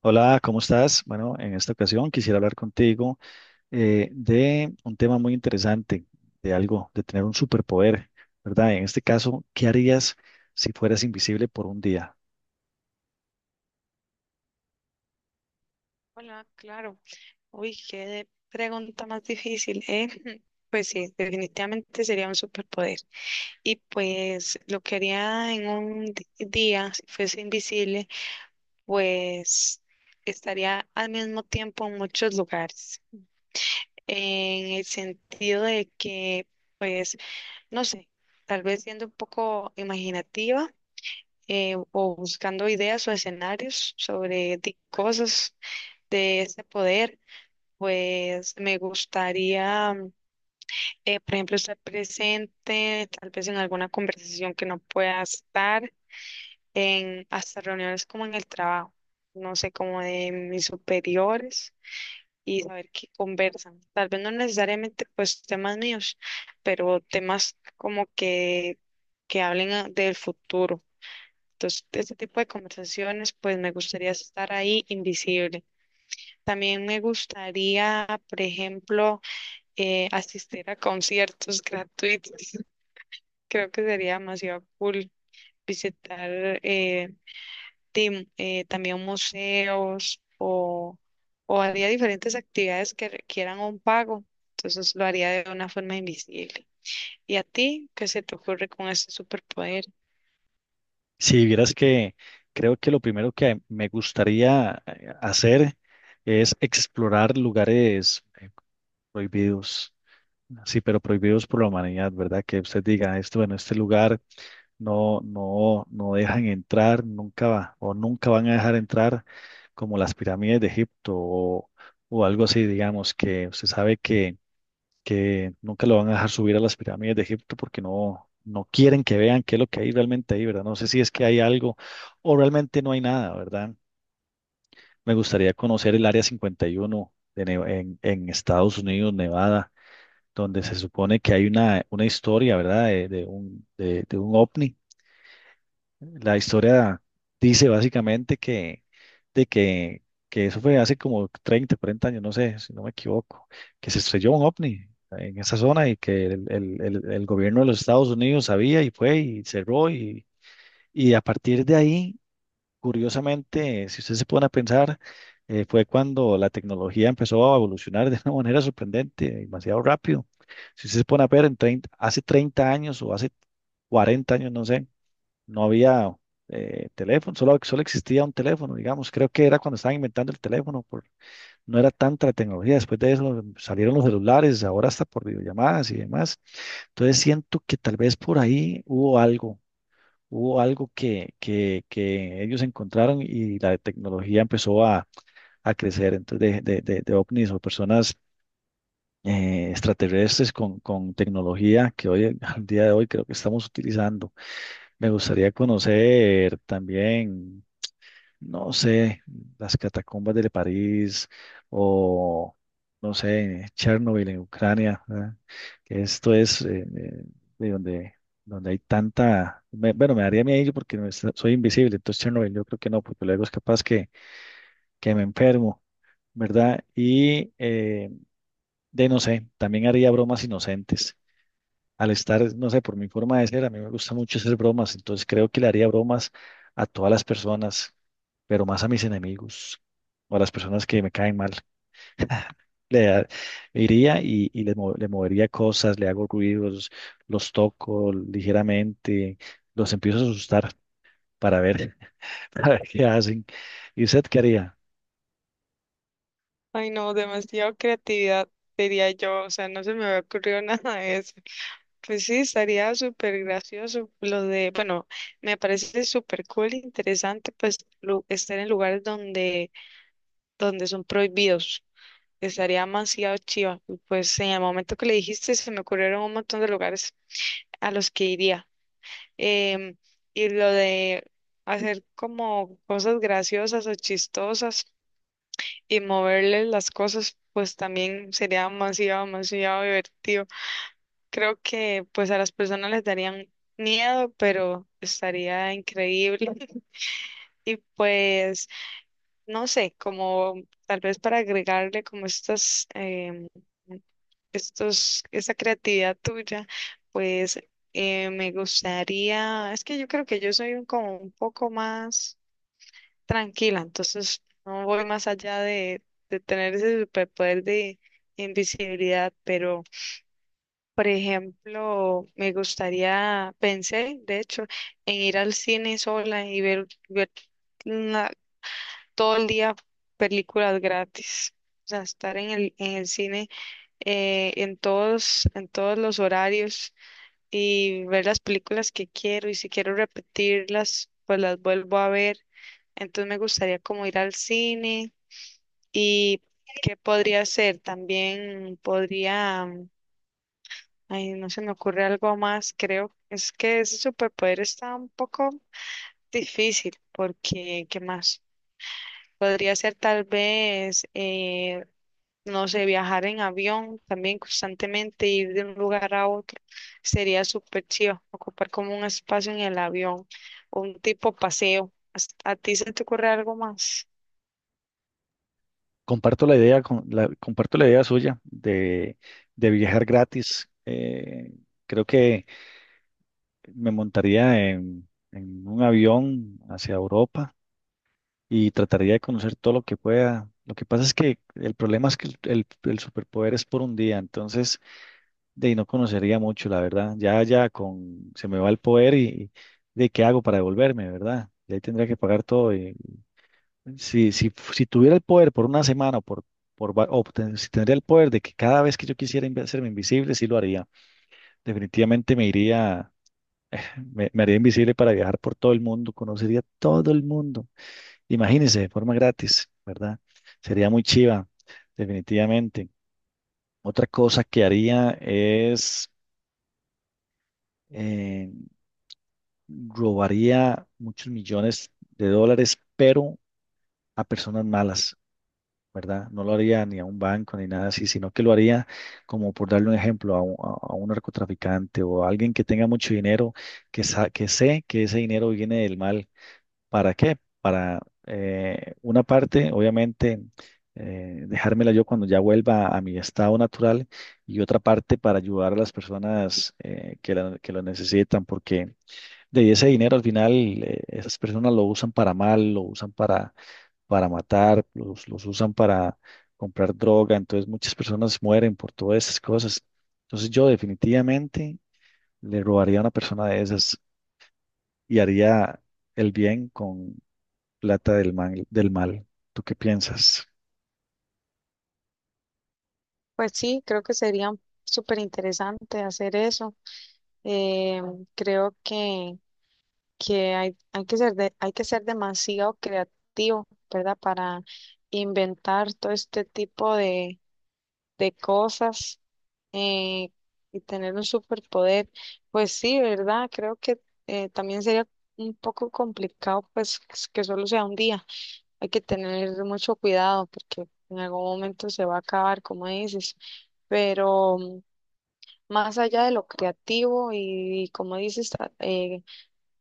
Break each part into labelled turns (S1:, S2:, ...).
S1: Hola, ¿cómo estás? Bueno, en esta ocasión quisiera hablar contigo de un tema muy interesante, de algo, de tener un superpoder, ¿verdad? En este caso, ¿qué harías si fueras invisible por un día?
S2: Hola, claro. Uy, pregunta más difícil, ¿eh? Pues sí, definitivamente sería un superpoder. Y pues lo que haría en día, si fuese invisible, pues estaría al mismo tiempo en muchos lugares. En el sentido de que, pues, no sé, tal vez siendo un poco imaginativa, o buscando ideas o escenarios sobre cosas de este poder. Pues me gustaría, por ejemplo, estar presente, tal vez en alguna conversación que no pueda estar, en hasta reuniones como en el trabajo, no sé, como de mis superiores, y saber qué conversan. Tal vez no necesariamente pues temas míos, pero temas como que del futuro. Entonces, este tipo de conversaciones, pues me gustaría estar ahí invisible. También me gustaría, por ejemplo, asistir a conciertos gratuitos. Creo que sería demasiado cool visitar, también museos, o haría diferentes actividades que requieran un pago. Entonces lo haría de una forma invisible. ¿Y a ti qué se te ocurre con este superpoder?
S1: Si vieras que creo que lo primero que me gustaría hacer es explorar lugares prohibidos, sí, pero prohibidos por la humanidad, ¿verdad? Que usted diga, esto, bueno, este lugar. No dejan entrar nunca va, o nunca van a dejar entrar como las pirámides de Egipto o algo así, digamos, que se sabe que nunca lo van a dejar subir a las pirámides de Egipto porque no quieren que vean qué es lo que hay realmente ahí, ¿verdad? No sé si es que hay algo o realmente no hay nada, ¿verdad? Me gustaría conocer el Área 51 de en, Estados Unidos, Nevada, donde se supone que hay una historia, ¿verdad? De, de un ovni. La historia dice básicamente de que, que eso fue hace como 30, 40 años, no sé, si no me equivoco, que se estrelló un ovni en esa zona y que el gobierno de los Estados Unidos sabía y fue y cerró, y a partir de ahí, curiosamente, si ustedes se pone a pensar, fue cuando la tecnología empezó a evolucionar de una manera sorprendente, demasiado rápido. Si ustedes se pone a ver en 30, hace 30 años o hace 40 años, no sé, no había teléfono, solo existía un teléfono, digamos. Creo que era cuando estaban inventando el teléfono, por, no era tanta la tecnología. Después de eso salieron los celulares, ahora hasta por videollamadas y demás. Entonces siento que tal vez por ahí hubo algo que ellos encontraron y la tecnología empezó a crecer. Entonces, de ovnis o personas extraterrestres con tecnología que hoy, al día de hoy, creo que estamos utilizando. Me gustaría conocer también, no sé, las catacumbas de París o, no sé, Chernobyl en Ucrania, ¿verdad? Que esto es de donde, donde hay tanta, bueno, me daría miedo porque no es- soy invisible, entonces Chernobyl yo creo que no, porque luego es capaz que me enfermo, ¿verdad? Y no sé, también haría bromas inocentes al estar, no sé, por mi forma de ser, a mí me gusta mucho hacer bromas, entonces creo que le haría bromas a todas las personas, pero más a mis enemigos o a las personas que me caen mal. Le da- Iría y le, le movería cosas, le hago ruidos, los toco ligeramente, los empiezo a asustar para ver, para ver qué hacen. ¿Y usted qué haría?
S2: Ay, no, demasiado creatividad, diría yo. O sea, no se me había ocurrido nada de eso. Pues sí, estaría súper gracioso lo de, bueno, me parece súper cool, interesante, pues estar en lugares donde, donde son prohibidos. Estaría demasiado chiva. Y pues en el momento que le dijiste, se me ocurrieron un montón de lugares a los que iría. Em, y lo de hacer como cosas graciosas o chistosas y moverle las cosas, pues también sería demasiado, demasiado divertido. Creo que pues a las personas les darían miedo, pero estaría increíble. Y pues, no sé, como tal vez para agregarle como estas, esa creatividad tuya, pues, me gustaría, es que yo creo que yo soy como un poco más tranquila, entonces no voy más allá de tener ese superpoder de invisibilidad, pero... Por ejemplo, me gustaría, pensé, de hecho, en ir al cine sola y ver una- todo el día películas gratis. O sea, estar en en el cine, en en todos los horarios, y ver las películas que quiero, y si quiero repetirlas, pues las vuelvo a ver. Entonces me gustaría como ir al cine y qué podría hacer. También podría... Ay, no se me ocurre algo más, creo. Es que ese superpoder está un poco difícil, porque ¿qué más? Podría ser tal vez, no sé, viajar en avión también constantemente, ir de un lugar a otro. Sería súper chido, ocupar como un espacio en el avión, un tipo paseo. ¿A ti se te ocurre algo más?
S1: Comparto la idea, comparto la idea suya de viajar gratis. Creo que me montaría en un avión hacia Europa y trataría de conocer todo lo que pueda. Lo que pasa es que el problema es que el superpoder es por un día, entonces de ahí no conocería mucho, la verdad. Ya con se me va el poder y de qué hago para devolverme, ¿verdad? Y ahí tendría que pagar todo. Si tuviera el poder por una semana o por, si tendría el poder de que cada vez que yo quisiera hacerme invisible, sí lo haría. Definitivamente me iría. Me haría invisible para viajar por todo el mundo, conocería todo el mundo. Imagínense, de forma gratis, ¿verdad? Sería muy chiva, definitivamente. Otra cosa que haría es eh, robaría muchos millones de dólares, pero a personas malas, ¿verdad? No lo haría ni a un banco ni nada así, sino que lo haría como por darle un ejemplo a un narcotraficante o a alguien que tenga mucho dinero, que sé que ese dinero viene del mal. ¿Para qué? Para una parte, obviamente, dejármela yo cuando ya vuelva a mi estado natural y otra parte para ayudar a las personas que lo necesitan, porque de ese dinero al final esas personas lo usan para mal, lo usan para matar, los usan para comprar droga, entonces muchas personas mueren por todas esas cosas. Entonces yo definitivamente le robaría a una persona de esas y haría el bien, plata del mal, del mal. ¿Tú qué piensas?
S2: Pues sí, creo que sería súper interesante hacer eso. Eh, Creo que hay, hay que ser hay que ser demasiado creativo, ¿verdad? Para inventar todo este tipo de cosas, eh, y tener un superpoder. Pues sí, ¿verdad? Creo que, también sería un poco complicado, pues que solo sea un día. Hay que tener mucho cuidado porque en algún momento se va a acabar, como dices. Pero mm, más allá de lo creativo y, como dices,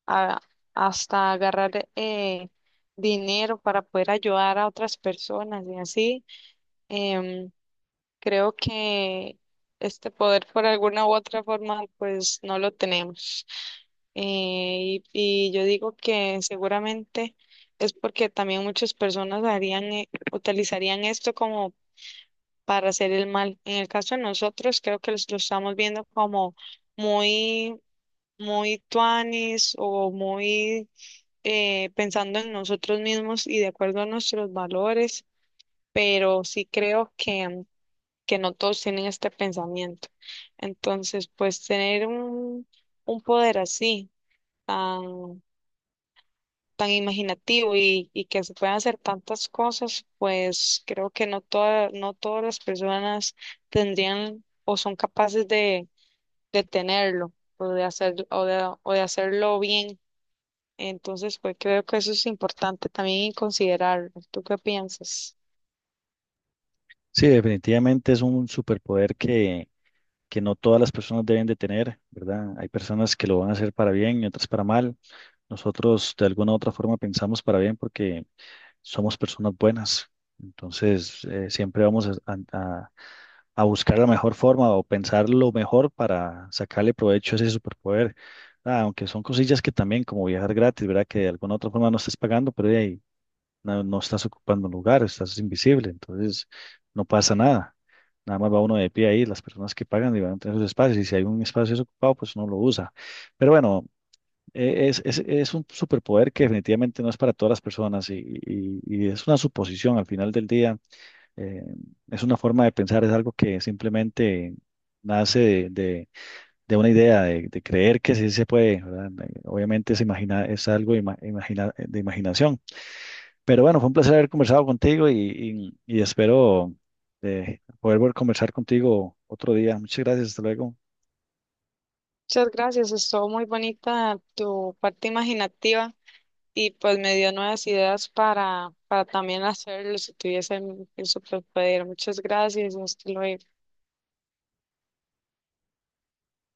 S2: a- hasta agarrar, dinero para poder ayudar a otras personas y así. Em, Creo que este poder por alguna u otra forma pues no lo tenemos. Y yo digo que seguramente es porque también muchas personas harían, utilizarían esto como para hacer el mal. En el caso de nosotros, creo que los lo estamos viendo como muy, muy tuanis, o muy, pensando en nosotros mismos y de acuerdo a nuestros valores, pero sí creo que no todos tienen este pensamiento. Entonces, pues tener un poder así, tan, tan imaginativo, y que se puedan hacer tantas cosas, pues creo que no toda, no todas las personas tendrían o son capaces de tenerlo. O de hacer, o de hacerlo bien. Entonces, pues creo que eso es importante también considerar. ¿Tú qué piensas?
S1: Sí, definitivamente es un superpoder que no todas las personas deben de tener, ¿verdad? Hay personas que lo van a hacer para bien y otras para mal. Nosotros de alguna u otra forma pensamos para bien porque somos personas buenas. Entonces, siempre vamos a- a buscar la mejor forma o pensar lo mejor para sacarle provecho a ese superpoder. Ah, aunque son cosillas que también, como viajar gratis, ¿verdad? Que de alguna u otra forma no estés pagando, pero de ahí no estás ocupando un lugar, estás invisible, entonces no pasa nada. Nada más va uno de pie ahí, las personas que pagan y van a tener sus espacios, y si hay un espacio desocupado, pues uno lo usa. Pero bueno, es un superpoder que definitivamente no es para todas las personas y es una suposición al final del día, eh, es una forma de pensar, es algo que simplemente nace de una idea, de creer que sí se puede, ¿verdad? Obviamente es, imagina, es algo de imaginación. Pero bueno, fue un placer haber conversado contigo y y espero poder volver a conversar contigo otro día. Muchas gracias, hasta luego.
S2: Muchas gracias, estuvo muy bonita tu parte imaginativa, y pues me dio nuevas ideas para también hacerlo si tuviese el superpoder. Muchas gracias, hasta luego.